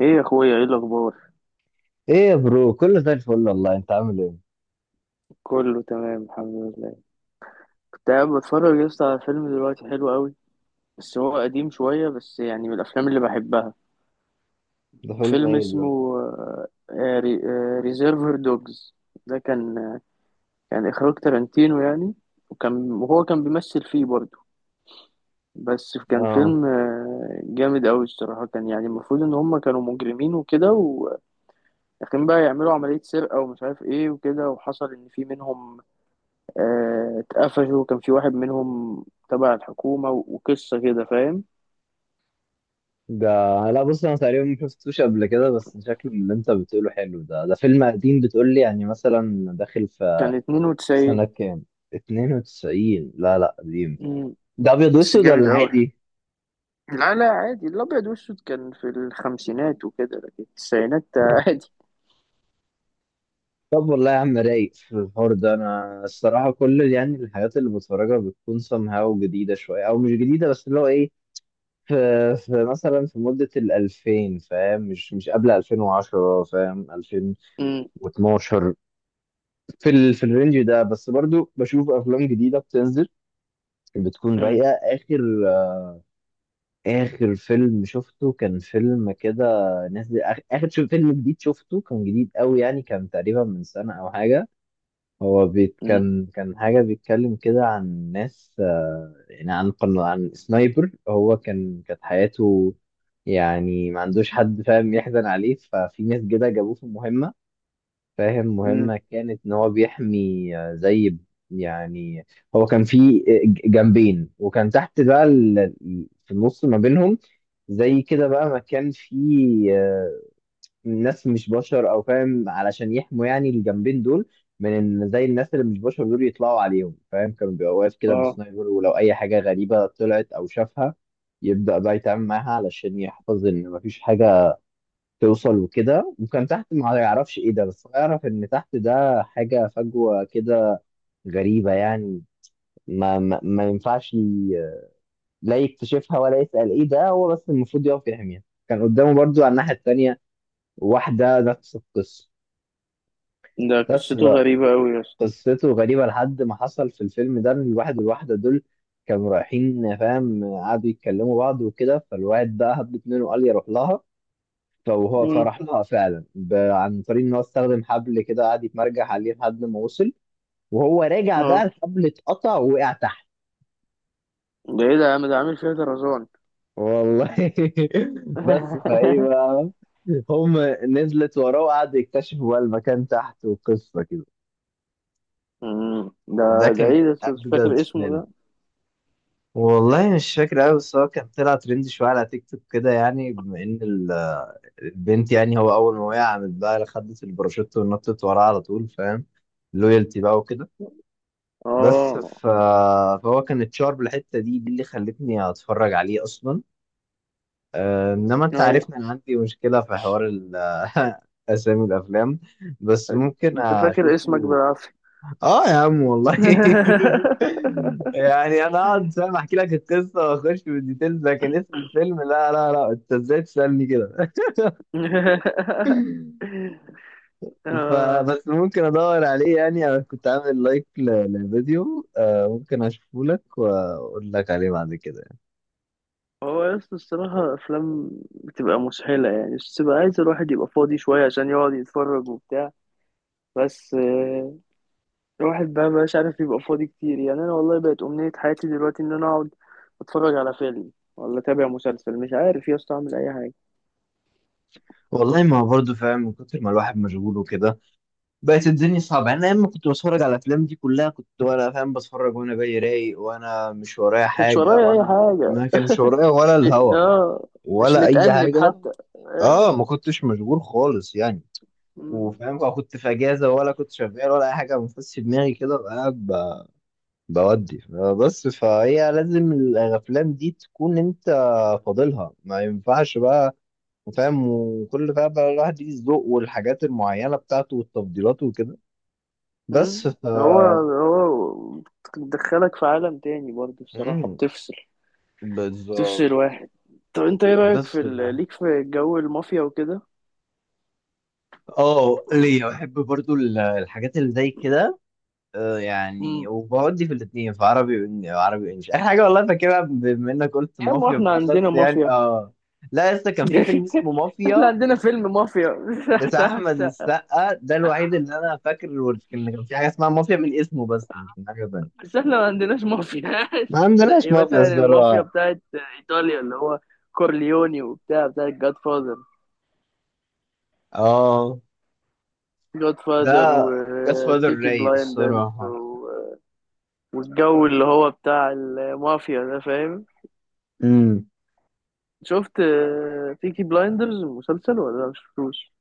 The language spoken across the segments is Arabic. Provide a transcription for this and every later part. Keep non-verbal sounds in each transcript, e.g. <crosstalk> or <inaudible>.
ايه يا اخويا، ايه الاخبار؟ ايه يا برو، كله زي الفل والله. انت عامل ايه؟ كله تمام، الحمد لله. كنت قاعد بتفرج يا اسطى على فيلم دلوقتي حلو قوي، بس هو قديم شويه، بس يعني من الافلام اللي بحبها. ده فيلم فيلم ايه اسمه ده؟ ريزيرفر دوجز. ده كان اخراج تارانتينو يعني. وكان وهو كان بيمثل فيه برضه. بس كان اه. فيلم جامد قوي الصراحه. كان يعني المفروض ان هم كانوا مجرمين وكده، ولكن بقى يعملوا عمليه سرقه ومش عارف ايه وكده. وحصل ان في منهم اتقفشوا. كان في واحد منهم تبع الحكومة وقصة كده فاهم. ده لا بص، انا تقريبا ما شفتوش قبل كده، بس شكله من اللي انت بتقوله حلو. ده ده فيلم قديم بتقول لي؟ يعني مثلا داخل في كان في 92. سنة كام؟ 92؟ لا لا قديم. مم، ده ابيض بس واسود جامد ولا أوي. عادي؟ لا لا عادي، الأبيض والأسود كان في الخمسينات وكده لكن التسعينات <laughs> عادي. طب والله يا عم رايق في الحوار ده. انا الصراحة كل الحاجات اللي بتفرجها بتكون somehow جديدة شوية، او مش جديدة بس اللي هو ايه، في مثلا في مدة الألفين، فاهم؟ مش قبل 2010، فاهم؟ مم، و12، في ال... في الرينج ده، بس برضو بشوف افلام جديده بتنزل، بتكون مم، رايقه. اخر اخر فيلم شفته كان فيلم كده نازل، اخر شو فيلم جديد شفته، كان جديد قوي يعني، كان تقريبا من سنه او حاجه. هو بيت مم، كان حاجه بيتكلم كده عن ناس، يعني عن عن سنايبر. هو كانت حياته يعني ما عندوش حد، فاهم، يحزن عليه. ففي ناس كده جابوه في مهمه، فاهم، مم. مهمة كانت إن هو بيحمي، زي يعني. هو كان في جنبين، وكان تحت بقى في النص ما بينهم زي كده بقى مكان فيه، ناس مش بشر أو فاهم، علشان يحموا يعني الجنبين دول من إن زي الناس اللي مش بشر دول يطلعوا عليهم، فاهم. كانوا بيبقى واقف كده اه. بسنايبر، ولو أي حاجة غريبة طلعت أو شافها يبدأ بقى يتعامل معاها علشان يحفظ إن مفيش حاجة توصل، وكده. وكان تحت ما يعرفش ايه ده، بس هو يعرف ان تحت ده حاجة فجوة كده غريبة يعني. ما ينفعش لا يكتشفها ولا يسأل ايه ده، هو بس المفروض يقف يحميها. كان قدامه برضو على الناحية التانية واحدة نفس القصة. ده بس قصته بقى غريبة أوي يا اسطى. قصته غريبة. لحد ما حصل في الفيلم ده ان الواحد والواحدة دول كانوا رايحين، فاهم، قعدوا يتكلموا بعض وكده، فالواحد بقى هب منه وقال يروح لها. فهو مم، فراح لها فعلا، عن طريق ان هو استخدم حبل كده، قعد يتمرجح عليه لحد ما وصل. وهو راجع بقى اه. الحبل اتقطع ووقع تحت. ده ايه ده يا عم؟ ده عامل فيها طرزان. والله <laughs> بس فايه <laughs> بقى، هم نزلت وراه، وقعدوا يكتشفوا بقى المكان تحت وقصه كده. مم. ده ده ده كان ايه ده؟ مش اجدد فاكر اسمه فيلم. ده. والله مش فاكر قوي، بس هو كان طلع ترند شويه على تيك توك كده، يعني بما ان البنت يعني، هو اول ما وقع، عملت بقى خدت الباراشوت ونطت وراه على طول، فاهم، لويالتي بقى وكده. بس اه. ف... فهو كان اتشارب الحته دي اللي خلتني اتفرج عليه اصلا. انما انت ايوه، عارفني، انا عندي مشكله في حوار <laughs> اسامي الافلام، بس ممكن انت فاكر اسمك اشوفه. بالعافية. اه يا عم والله <laughs> <laughs> يعني انا اقعد، فاهم، احكي لك القصه واخش في الديتيلز، لكن اسم الفيلم لا لا لا، انت ازاي تسالني كده؟ <laughs> <laughs> آه. فبس ممكن ادور عليه يعني. انا كنت عامل لايك للفيديو، ممكن اشوفه لك واقول لك عليه بعد كده. هو يس الصراحة أفلام بتبقى مسحلة يعني، بس بتبقى عايز الواحد يبقى فاضي شوية عشان يقعد يتفرج وبتاع. بس الواحد بقى مبقاش عارف يبقى فاضي كتير يعني. أنا والله بقت أمنية حياتي دلوقتي إن أنا أقعد أتفرج على فيلم، ولا أتابع مسلسل، مش عارف يا اسطى أعمل أي حاجة. والله ما هو برضه، فاهم، من كتر ما الواحد مشغول وكده بقت الدنيا صعبة يعني. أنا لما كنت بتفرج على الأفلام دي كلها، كنت وأنا، فاهم، بتفرج وأنا جاي رايق، وأنا مش ورايا مكانش حاجة، ورايا أي وأنا حاجة. ما كانش ورايا ولا الهوا آه. مش ولا أي متأنب حاجة. حتى. آه. أه، ما كنتش مشغول خالص يعني. مم. وفاهم بقى، كنت في أجازة ولا كنت شغال ولا أي حاجة، بنفس في دماغي كده، بقى قاعد بودي. بس فهي لازم الأفلام دي تكون أنت فاضلها، ما ينفعش بقى، فاهم. وكل بقى الواحد ليه الذوق والحاجات المعينة بتاعته والتفضيلات وكده. بس مم. ف، هو بتدخلك في عالم تاني برضه الصراحة، مم، بتفصل بالظبط. واحد. طب انت ايه رأيك في بس بقى. ليك في جو المافيا وكده؟ اه، ليا بحب برضو الحاجات اللي زي كده. يعني امم. وبودي في الاثنين، في عربي عربي وانجلش، اي حاجه والله فاكرها. بما انك قلت يا عم مافيا احنا عندنا بالاخص يعني، مافيا. اه، لا لسه كان في فيلم <laughs> اسمه احنا مافيا عندنا فيلم مافيا. <laughs> مش بتاع احمد هتحسق. السقا، ده الوحيد اللي انا فاكر. ان كان في حاجه اسمها مافيا من اسمه بس مش من حاجه ثانيه. بس احنا ما عندناش مافيا. ما <laughs> عندناش زي مافيا مثلا المافيا الصراحه. بتاعت ايطاليا، اللي هو كورليوني، وبتاع بتاعت جاد فاذر. اه. جاد ده فاذر جاد فادر وبيكي رايق بلايندرز. الصراحة. والجو اللي هو بتاع المافيا ده فاهم. امم. شفت بيكي بلايندرز المسلسل ولا مش شفتوش؟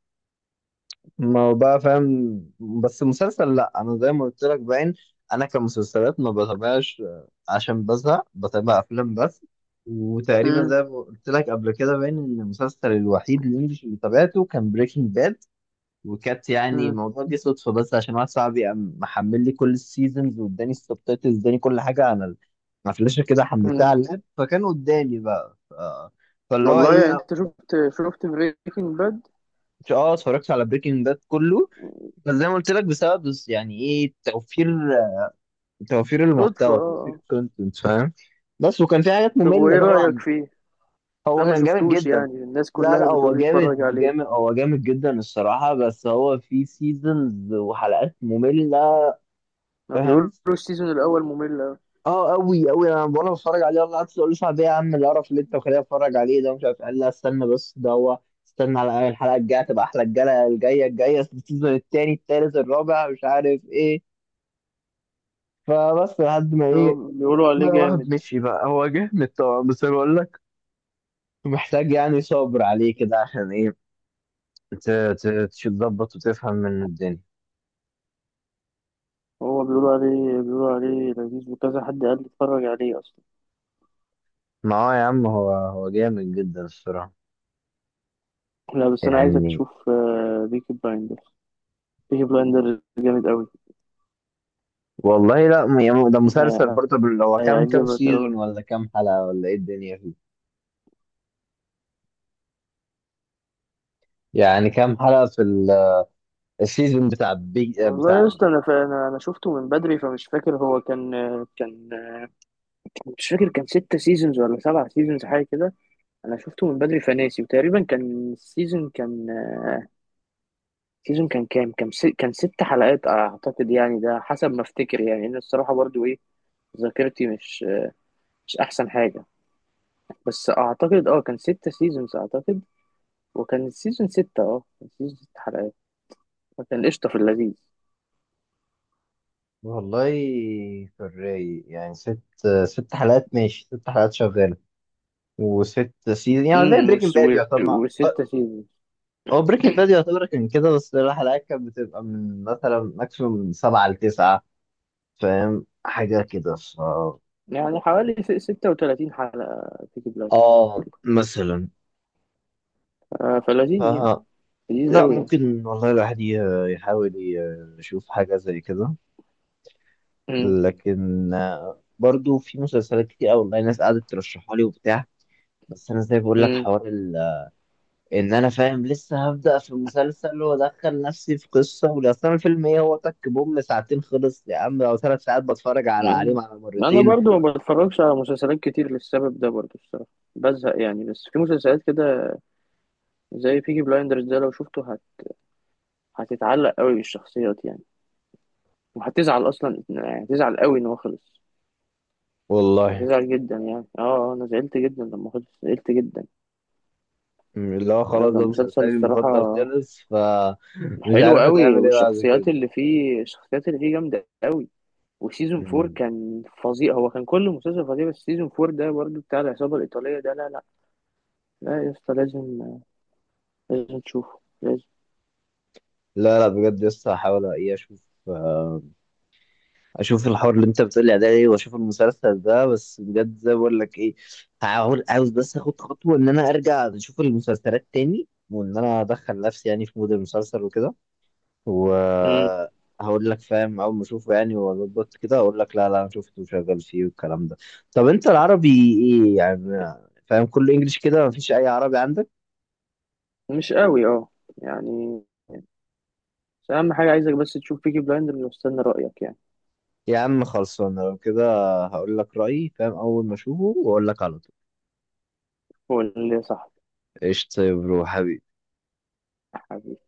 ما هو بقى، فاهم. بس مسلسل، لا، انا زي ما قلت لك باين، انا كمسلسلات ما بتابعش، عشان بزهق، بتابع افلام بس. وتقريبا زي ما قلت لك قبل كده باين ان المسلسل الوحيد الانجليش اللي تابعته كان بريكنج باد. وكانت يعني امم. الموضوع دي صدفة، بس عشان واحد صاحبي قام محمل لي كل السيزونز، واداني السبتايتلز، اداني كل حاجة على على فلاشة كده، حملتها على اللاب، فكان قدامي بقى. فاللي هو والله يعني ايه. انت شفت بريكنج باد؟ اه، اتفرجت على بريكنج باد كله، بس زي ما قلت لك، بسبب بس يعني ايه، توفير، توفير صدفة. المحتوى، توفير آه. كونتنت، فاهم. بس وكان في حاجات طب مملة وايه رأيك طبعا. فيه؟ بس هو انا ما كان جامد شفتوش جدا. يعني، الناس لا كلها لا، بتقول هو لي اتفرج جامد عليه. جامد، هو جامد جدا الصراحة، بس هو في سيزونز وحلقات مملة، ما بيقولوا فاهم. السيزون الاول ممل أوي. اه قوي قوي، انا وانا بتفرج عليه والله قعدت اقول: صعب ايه يا عم القرف اللي انت مخليني اتفرج عليه ده، مش عارف. قال: لا استنى، بس ده هو، استنى على الحلقه الجايه تبقى احلى، الجايه الجايه الجايه، السيزون التاني التالت الرابع، مش عارف ايه. فبس لحد ما هو ايه، بيقولوا ما عليه الواحد جامد. مشي بقى. هو جامد طبعا، بس انا بقول لك، محتاج يعني صبر عليه كده، عشان ايه، ت- تظبط وتفهم من الدنيا. هو بيقولوا عليه لذيذ وكذا. حد قال لي اتفرج عليه اصلا. ما هو يا عم، هو جامد جدا الصراحه لا، بس انا عايزك يعني. تشوف بيكي بلايندر. بيكي بلايندر جامد قوي. والله لا، يعني ده مسلسل هي- برضه هو كام هيعجبك قوي. سيزون ولا كام حلقة ولا ايه الدنيا فيه؟ يعني كام حلقة في السيزون بتاع بيج والله بتاع؟ يا اسطى، انا أنا شفته من بدري، فمش فاكر هو كان، كان مش فاكر، كان 6 سيزونز ولا 7 سيزونز حاجة كده. أنا شفته من بدري فناسي، وتقريبا كان السيزون كان سيزون كان كام، كان 6 حلقات أعتقد، يعني ده حسب ما أفتكر يعني، إن الصراحة برضو إيه، ذاكرتي مش أحسن حاجة. بس أعتقد أه كان 6 سيزونز أعتقد. وكان السيزون ستة، كان سيزون 6 حلقات. فكان قشطة في اللذيذ. والله في الرايق يعني، ست ست حلقات ماشي، ست حلقات شغالة، وست سيزون، يعني زي امم. بريكنج باد يعتبر وستة سيزونز، هو بريكنج باد يعتبر كان كده، بس الحلقات كانت بتبقى من مثلا ماكسيموم من 7 ل9، فاهم، حاجة كده ف، يعني حوالي 36 حلقة بيكي بلايندرز. اه مثلا. فلذيذ يعني، لذيذ لا قوي يعني. ممكن والله الواحد يحاول يشوف حاجة زي كده. لكن برضو في مسلسلات كتير أوي والله ناس قعدت ترشحها لي وبتاع. بس أنا زي بقول لك امم. حوار إن أنا، فاهم، لسه هبدأ في مسلسل وأدخل نفسي في قصة، ولأصل أنا الفيلم إيه، هو تك بوم ساعتين خلص يا عم، أو 3 ساعات بتفرج على عليهم أمم. على انا مرتين. برضو ما بتفرجش على مسلسلات كتير للسبب ده برضو الصراحه. بزهق يعني، بس في مسلسلات كده زي بيكي بلايندرز ده، لو شفته هتتعلق قوي بالشخصيات يعني. وهتزعل اصلا، يعني هتزعل قوي ان هو خلص. والله هتزعل جدا يعني. اه. انا زعلت جدا لما خلص، زعلت جدا. اللي هو يعني هو خلاص، كان ده مسلسل مسلسلي الصراحه المفضل خلص، فمش <laughs> حلو عارف قوي. هتعمل إيه بعد والشخصيات كده. اللي فيه الشخصيات اللي فيه جامده قوي. وسيزون 4 م. كان فظيع، هو كان كل مسلسل فظيع، بس سيزون 4 ده برضو بتاع العصابه الايطاليه ده. لا لا لا يا اسطى، لازم لازم تشوفه لازم. لا لا بجد، لسه هحاول إيه، أشوف، اشوف الحوار اللي انت بتقولي عليه، واشوف المسلسل ده. بس بجد زي ما بقول لك ايه، هحاول. عاوز بس اخد خطوه ان انا ارجع اشوف المسلسلات تاني، وان انا ادخل نفسي يعني في مود المسلسل وكده، امم. وهقول لك، فاهم، اول ما اشوفه يعني واظبط كده اقول لك: لا لا، انا شفته وشغال فيه والكلام ده. طب انت العربي ايه يعني؟ فاهم، كله انجليش كده، مفيش اي عربي عندك. مش قوي اه يعني، بس اهم حاجه عايزك بس تشوف بيكي بلايندرز واستنى رايك يعني. يا عم خلصانه لو كده، هقول لك رايي، فاهم، اول ما اشوفه واقول لك على طول. هو اللي صح. قشطة يا برو حبيبي. حبيبي.